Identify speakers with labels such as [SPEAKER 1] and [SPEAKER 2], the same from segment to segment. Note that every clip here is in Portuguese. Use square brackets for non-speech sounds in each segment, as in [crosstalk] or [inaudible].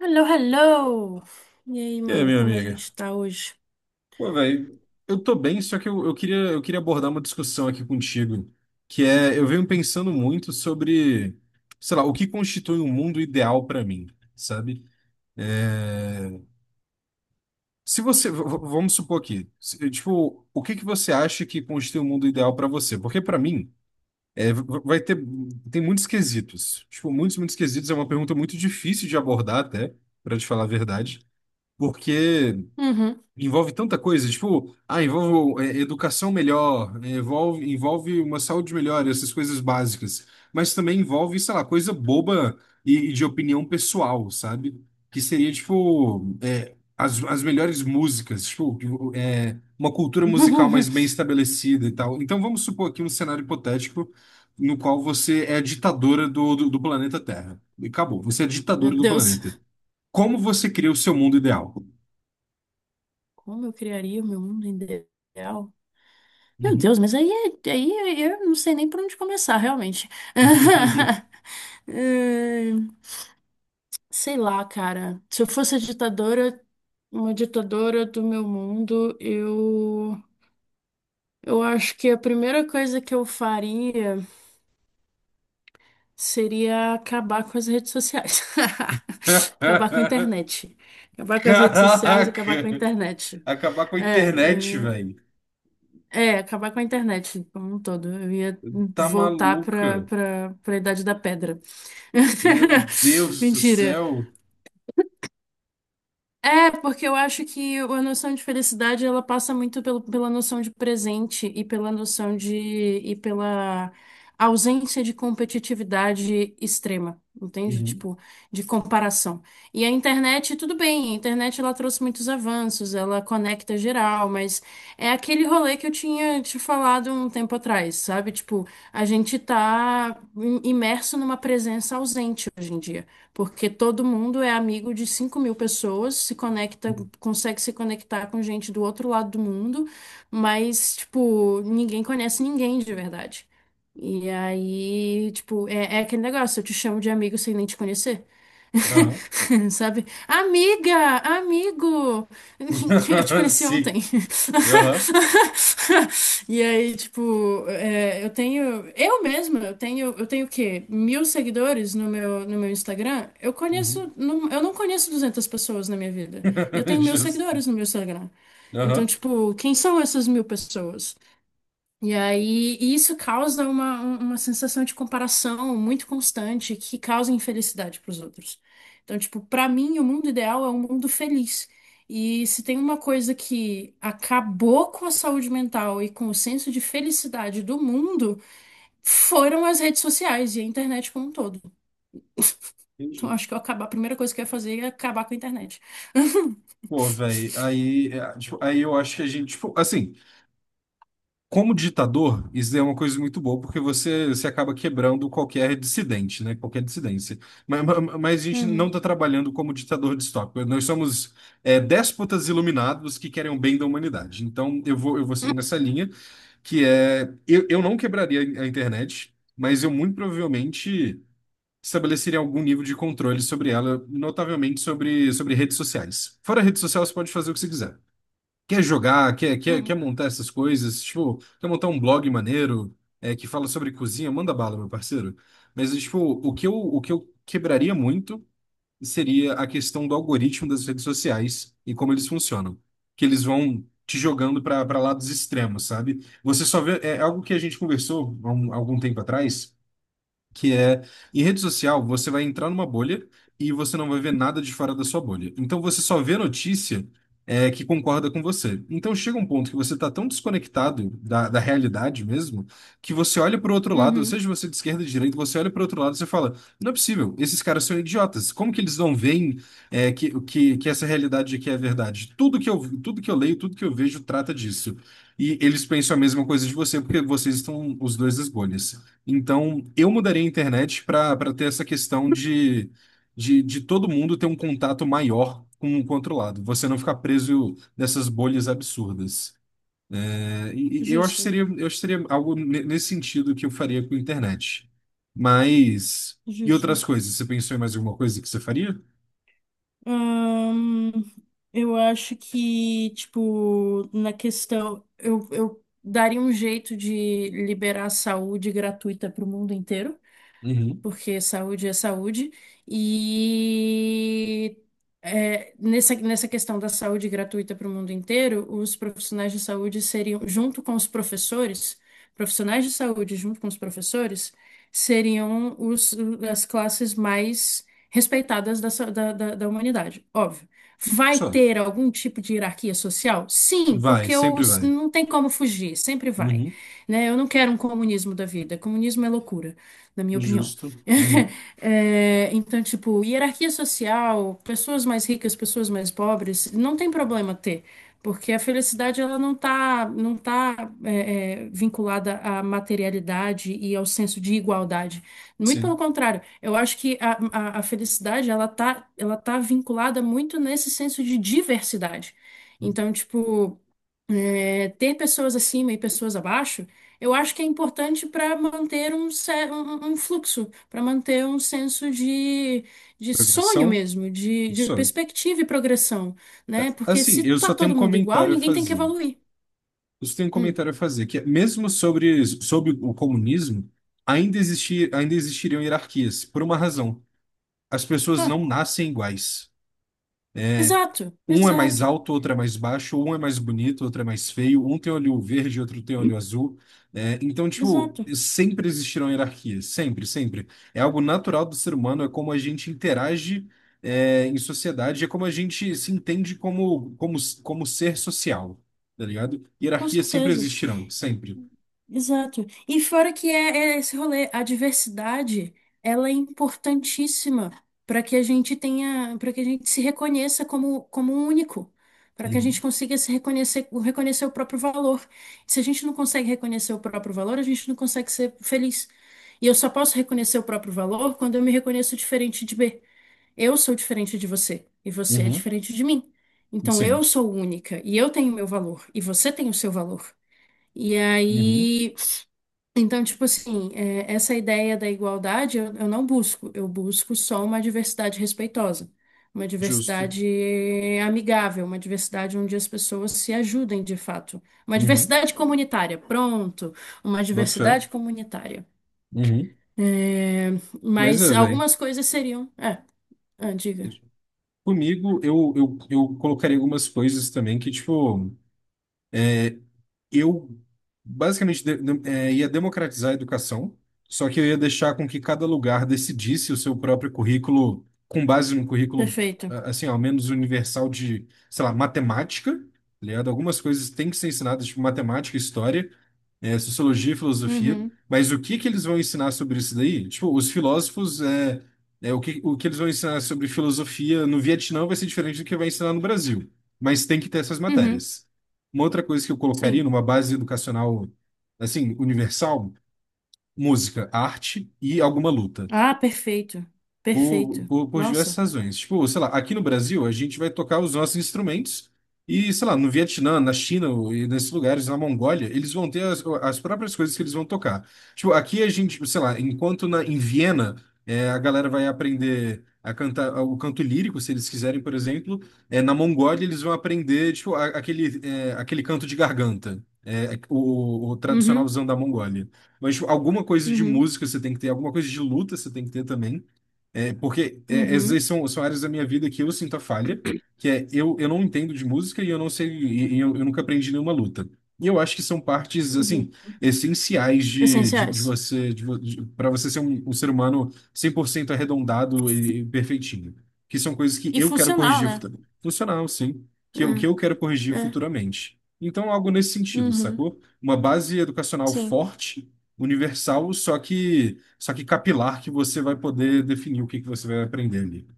[SPEAKER 1] Hello, hello! E aí,
[SPEAKER 2] É,
[SPEAKER 1] mano,
[SPEAKER 2] minha
[SPEAKER 1] como a
[SPEAKER 2] amiga.
[SPEAKER 1] gente tá hoje?
[SPEAKER 2] Pô, velho, eu tô bem, só que eu queria abordar uma discussão aqui contigo, que é, eu venho pensando muito sobre, sei lá, o que constitui um mundo ideal pra mim, sabe? É, se você, vamos supor aqui, tipo, o que que você acha que constitui um mundo ideal pra você? Porque pra mim, é, vai ter, tem muitos quesitos. Tipo, muitos quesitos é uma pergunta muito difícil de abordar até, pra te falar a verdade, porque
[SPEAKER 1] Uhum.
[SPEAKER 2] envolve tanta coisa, tipo, ah, envolve é, educação melhor, é, envolve uma saúde melhor, essas coisas básicas. Mas também envolve, sei lá, coisa boba e de opinião pessoal, sabe? Que seria, tipo, é, as melhores músicas, tipo, é, uma cultura musical mais bem
[SPEAKER 1] [laughs]
[SPEAKER 2] estabelecida e tal. Então vamos supor aqui um cenário hipotético no qual você é a ditadora do planeta Terra. E acabou, você é a
[SPEAKER 1] Meu
[SPEAKER 2] ditadora do
[SPEAKER 1] Deus,
[SPEAKER 2] planeta. Como você cria o seu mundo ideal?
[SPEAKER 1] como eu criaria o meu mundo ideal? Meu
[SPEAKER 2] Uhum.
[SPEAKER 1] Deus, mas aí, eu não sei nem por onde começar, realmente.
[SPEAKER 2] [laughs]
[SPEAKER 1] [laughs] Hum, Sei lá, cara. Se eu fosse a ditadora, uma ditadora do meu mundo, eu acho que a primeira coisa que eu faria. Seria acabar com as redes sociais. [laughs] Acabar com a
[SPEAKER 2] [laughs]
[SPEAKER 1] internet. Acabar com as redes sociais, acabar com a
[SPEAKER 2] Caraca!
[SPEAKER 1] internet.
[SPEAKER 2] Acabar com a
[SPEAKER 1] É, eu
[SPEAKER 2] internet,
[SPEAKER 1] ia.
[SPEAKER 2] velho.
[SPEAKER 1] É, acabar com a internet como um todo. Eu ia
[SPEAKER 2] Tá
[SPEAKER 1] voltar para
[SPEAKER 2] maluca?
[SPEAKER 1] para para a Idade da Pedra.
[SPEAKER 2] Meu
[SPEAKER 1] [laughs]
[SPEAKER 2] Deus do
[SPEAKER 1] Mentira.
[SPEAKER 2] céu.
[SPEAKER 1] É, porque eu acho que a noção de felicidade ela passa muito pela noção de presente e pela ausência de competitividade extrema, entende?
[SPEAKER 2] Uhum.
[SPEAKER 1] Tipo, de comparação. E a internet, tudo bem, a internet ela trouxe muitos avanços, ela conecta geral, mas é aquele rolê que eu tinha te falado um tempo atrás, sabe? Tipo, a gente tá imerso numa presença ausente hoje em dia porque todo mundo é amigo de 5.000 pessoas, se conecta, consegue se conectar com gente do outro lado do mundo, mas, tipo, ninguém conhece ninguém de verdade. E aí, tipo, é aquele negócio, eu te chamo de amigo sem nem te conhecer.
[SPEAKER 2] Aham.
[SPEAKER 1] [laughs] Sabe? Amiga, amigo, [laughs] eu te
[SPEAKER 2] [laughs]
[SPEAKER 1] conheci ontem.
[SPEAKER 2] Sim.
[SPEAKER 1] [laughs]
[SPEAKER 2] Aham.
[SPEAKER 1] E aí, tipo, eu tenho, eu mesma, eu tenho o quê? 1.000 seguidores no meu Instagram. Eu
[SPEAKER 2] Uhum.
[SPEAKER 1] conheço, não- eu não conheço 200 pessoas na minha vida. E eu
[SPEAKER 2] [laughs]
[SPEAKER 1] tenho mil
[SPEAKER 2] Justo.
[SPEAKER 1] seguidores no meu Instagram. Então,
[SPEAKER 2] Aham.
[SPEAKER 1] tipo, quem são essas 1.000 pessoas? E aí, e isso causa uma sensação de comparação muito constante que causa infelicidade para os outros. Então, tipo, para mim, o mundo ideal é um mundo feliz. E se tem uma coisa que acabou com a saúde mental e com o senso de felicidade do mundo, foram as redes sociais e a internet como um todo. Então,
[SPEAKER 2] Entendi.
[SPEAKER 1] acho que eu acabar, a primeira coisa que eu ia fazer é acabar com a internet. [laughs]
[SPEAKER 2] Pô, velho, aí, é, tipo, aí eu acho que a gente, tipo, assim, como ditador, isso é uma coisa muito boa, porque você acaba quebrando qualquer dissidente, né? Qualquer dissidência. Mas, mas a gente não
[SPEAKER 1] Uhum,
[SPEAKER 2] está trabalhando como ditador distópico. Nós somos é, déspotas iluminados que querem o bem da humanidade. Então, eu vou seguir nessa linha, que é... Eu não quebraria a internet, mas eu muito provavelmente estabeleceria algum nível de controle sobre ela, notavelmente sobre redes sociais. Fora rede social, você pode fazer o que você quiser quer jogar, quer
[SPEAKER 1] uhum,
[SPEAKER 2] montar essas coisas, tipo, quer montar um blog maneiro, é, que fala sobre cozinha, manda bala, meu parceiro. Mas, tipo, o que eu quebraria muito seria a questão do algoritmo das redes sociais e como eles funcionam. Que eles vão te jogando para lados extremos, sabe? Você só vê. É algo que a gente conversou algum tempo atrás, que é em rede social você vai entrar numa bolha e você não vai ver nada de fora da sua bolha. Então você só vê notícia é, que concorda com você. Então chega um ponto que você está tão desconectado da realidade mesmo que você olha para o outro lado,
[SPEAKER 1] uhum.
[SPEAKER 2] seja você é de esquerda ou de direita, você olha para o outro lado e você fala: não é possível, esses caras são idiotas. Como que eles não veem é, que essa realidade aqui é verdade? Tudo que eu leio, tudo que eu vejo trata disso. E eles pensam a mesma coisa de você, porque vocês estão os dois nas bolhas. Então, eu mudaria a internet para ter essa questão de, de todo mundo ter um contato maior com o outro lado. Você não ficar preso nessas bolhas absurdas. É, e eu acho que
[SPEAKER 1] Justo,
[SPEAKER 2] seria, eu acho que seria algo nesse sentido que eu faria com a internet. Mas. E
[SPEAKER 1] justo.
[SPEAKER 2] outras coisas? Você pensou em mais alguma coisa que você faria?
[SPEAKER 1] Ahn, eu acho que, tipo, na questão, eu, daria um jeito de liberar a saúde gratuita para o mundo inteiro
[SPEAKER 2] Uhum.
[SPEAKER 1] porque saúde é saúde. E nessa questão da saúde gratuita para o mundo inteiro, os profissionais de saúde seriam, junto com os professores, profissionais de saúde junto com os professores, seriam as classes mais respeitadas da, sa- da, da da humanidade, óbvio. Vai
[SPEAKER 2] Só.
[SPEAKER 1] ter algum tipo de hierarquia social? Sim,
[SPEAKER 2] Vai,
[SPEAKER 1] porque
[SPEAKER 2] sempre vai.
[SPEAKER 1] não tem como fugir, sempre vai,
[SPEAKER 2] Uhum.
[SPEAKER 1] né? Eu não quero um comunismo da vida, comunismo é loucura, na minha opinião.
[SPEAKER 2] Justo. Uhum.
[SPEAKER 1] [laughs] É, então, tipo, hierarquia social, pessoas mais ricas, pessoas mais pobres, não tem problema ter, porque a felicidade ela não tá vinculada à materialidade e ao senso de igualdade. Muito pelo
[SPEAKER 2] Sim.
[SPEAKER 1] contrário, eu acho que a felicidade ela tá vinculada muito nesse senso de diversidade. Então, tipo, é, ter pessoas acima e pessoas abaixo, eu acho que é importante para manter um fluxo, para manter um senso de sonho
[SPEAKER 2] Progressão?
[SPEAKER 1] mesmo, de
[SPEAKER 2] Só.
[SPEAKER 1] perspectiva e progressão,
[SPEAKER 2] É,
[SPEAKER 1] né? Porque
[SPEAKER 2] assim,
[SPEAKER 1] se
[SPEAKER 2] eu
[SPEAKER 1] tá
[SPEAKER 2] só tenho um
[SPEAKER 1] todo mundo igual,
[SPEAKER 2] comentário a
[SPEAKER 1] ninguém tem que
[SPEAKER 2] fazer.
[SPEAKER 1] evoluir.
[SPEAKER 2] Isso tem um
[SPEAKER 1] Hum.
[SPEAKER 2] comentário a fazer, que é, mesmo sobre o comunismo, ainda existir, ainda existiriam hierarquias, por uma razão. As pessoas
[SPEAKER 1] Ah,
[SPEAKER 2] não nascem iguais.
[SPEAKER 1] exato,
[SPEAKER 2] Um é mais
[SPEAKER 1] exato,
[SPEAKER 2] alto, outro é mais baixo, um é mais bonito, outro é mais feio, um tem olho verde, outro tem olho azul. Né? Então, tipo,
[SPEAKER 1] exato,
[SPEAKER 2] sempre existirão hierarquias, sempre, sempre. É algo natural do ser humano, é como a gente interage, é, em sociedade, é como a gente se entende como, como, como ser social, tá ligado?
[SPEAKER 1] com
[SPEAKER 2] Hierarquias sempre
[SPEAKER 1] certeza.
[SPEAKER 2] existirão, sempre.
[SPEAKER 1] Exato. E fora que é esse rolê, a diversidade, ela é importantíssima para que a gente tenha, para que a gente se reconheça como um único, para que a gente
[SPEAKER 2] Uhum.
[SPEAKER 1] consiga se reconhecer, reconhecer o próprio valor. Se a gente não consegue reconhecer o próprio valor, a gente não consegue ser feliz. E eu só posso reconhecer o próprio valor quando eu me reconheço diferente de B. Eu sou diferente de você e você é
[SPEAKER 2] Uhum.
[SPEAKER 1] diferente de mim. Então eu
[SPEAKER 2] Sim.
[SPEAKER 1] sou única e eu tenho meu valor e você tem o seu valor. E
[SPEAKER 2] Uhum.
[SPEAKER 1] aí então, tipo assim, é, essa ideia da igualdade eu não busco, eu busco só uma diversidade respeitosa, uma
[SPEAKER 2] Justo.
[SPEAKER 1] diversidade amigável, uma diversidade onde as pessoas se ajudem de fato, uma
[SPEAKER 2] Uhum.
[SPEAKER 1] diversidade comunitária, pronto, uma
[SPEAKER 2] Boto fé.
[SPEAKER 1] diversidade comunitária.
[SPEAKER 2] Uhum.
[SPEAKER 1] É,
[SPEAKER 2] Mas
[SPEAKER 1] mas
[SPEAKER 2] é, velho.
[SPEAKER 1] algumas coisas seriam. É, ah, diga.
[SPEAKER 2] Comigo, eu colocaria algumas coisas também que, tipo. Eu basicamente ia democratizar a educação, só que eu ia deixar com que cada lugar decidisse o seu próprio currículo com base no currículo,
[SPEAKER 1] Perfeito.
[SPEAKER 2] ah, assim, ao menos universal de, sei lá, matemática, tá ligado? Algumas coisas têm que ser ensinadas, tipo matemática, história, sociologia e filosofia,
[SPEAKER 1] Uhum,
[SPEAKER 2] mas o que que eles vão ensinar sobre isso daí? Tipo, os filósofos, é, o que eles vão ensinar sobre filosofia no Vietnã vai ser diferente do que vai ensinar no Brasil, mas tem que ter essas
[SPEAKER 1] uhum,
[SPEAKER 2] matérias. Uma outra coisa que eu colocaria
[SPEAKER 1] sim.
[SPEAKER 2] numa base educacional, assim, universal, música, arte e alguma luta.
[SPEAKER 1] Ah, perfeito, perfeito.
[SPEAKER 2] Por diversas
[SPEAKER 1] Nossa.
[SPEAKER 2] razões. Tipo, sei lá, aqui no Brasil a gente vai tocar os nossos instrumentos e, sei lá, no Vietnã, na China e nesses lugares, na Mongólia, eles vão ter as próprias coisas que eles vão tocar. Tipo, aqui a gente, sei lá, enquanto em Viena é, a galera vai aprender a cantar o canto lírico, se eles quiserem, por exemplo, é, na Mongólia eles vão aprender, tipo, aquele, é, aquele canto de garganta. O
[SPEAKER 1] Uhum,
[SPEAKER 2] tradicionalzão da Mongólia. Mas, tipo, alguma coisa de
[SPEAKER 1] uhum,
[SPEAKER 2] música você tem que ter, alguma coisa de luta você tem que ter também. É, porque é, essas aí
[SPEAKER 1] uhum,
[SPEAKER 2] são, são áreas da minha vida que eu sinto a falha, que é eu não entendo de música e eu não sei, eu nunca aprendi nenhuma luta. E eu acho que são partes, assim,
[SPEAKER 1] uhum.
[SPEAKER 2] essenciais de
[SPEAKER 1] Essenciais.
[SPEAKER 2] você, de, de, para você ser um, um ser humano 100% arredondado e perfeitinho. Que são coisas que
[SPEAKER 1] E
[SPEAKER 2] eu quero
[SPEAKER 1] funcional,
[SPEAKER 2] corrigir
[SPEAKER 1] né?
[SPEAKER 2] futuramente. Funcional, sim. Que
[SPEAKER 1] É,
[SPEAKER 2] eu quero corrigir
[SPEAKER 1] é.
[SPEAKER 2] futuramente. Então, algo nesse sentido,
[SPEAKER 1] Uhum.
[SPEAKER 2] sacou? Uma base educacional
[SPEAKER 1] Sim,
[SPEAKER 2] forte universal, só que capilar que você vai poder definir o que que você vai aprender ali.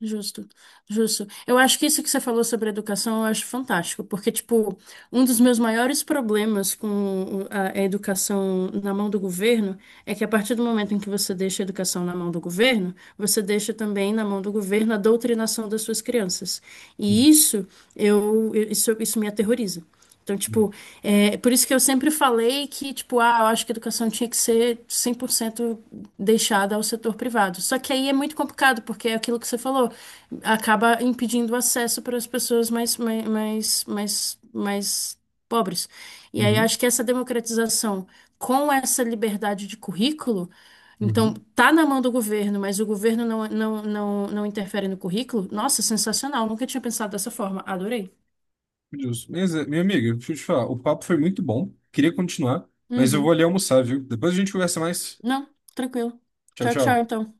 [SPEAKER 1] justo, justo. Eu acho que isso que você falou sobre educação eu acho fantástico, porque, tipo, um dos meus maiores problemas com a educação na mão do governo é que a partir do momento em que você deixa a educação na mão do governo, você deixa também na mão do governo a doutrinação das suas crianças. E isso, eu, isso me aterroriza. Então, tipo, é por isso que eu sempre falei que, tipo, ah, eu acho que a educação tinha que ser 100% deixada ao setor privado. Só que aí é muito complicado, porque é aquilo que você falou, acaba impedindo o acesso para as pessoas mais pobres. E aí
[SPEAKER 2] Uhum,
[SPEAKER 1] acho que essa democratização com essa liberdade de currículo, então,
[SPEAKER 2] uhum.
[SPEAKER 1] tá na mão do governo, mas o governo não interfere no currículo, nossa, sensacional, nunca tinha pensado dessa forma, adorei.
[SPEAKER 2] Justo. Mas, é, minha amiga, deixa eu te falar, o papo foi muito bom, queria continuar, mas eu vou
[SPEAKER 1] Uhum.
[SPEAKER 2] ali almoçar, viu? Depois a gente conversa mais.
[SPEAKER 1] Não, tranquilo.
[SPEAKER 2] Tchau,
[SPEAKER 1] Tchau, tchau,
[SPEAKER 2] tchau.
[SPEAKER 1] então.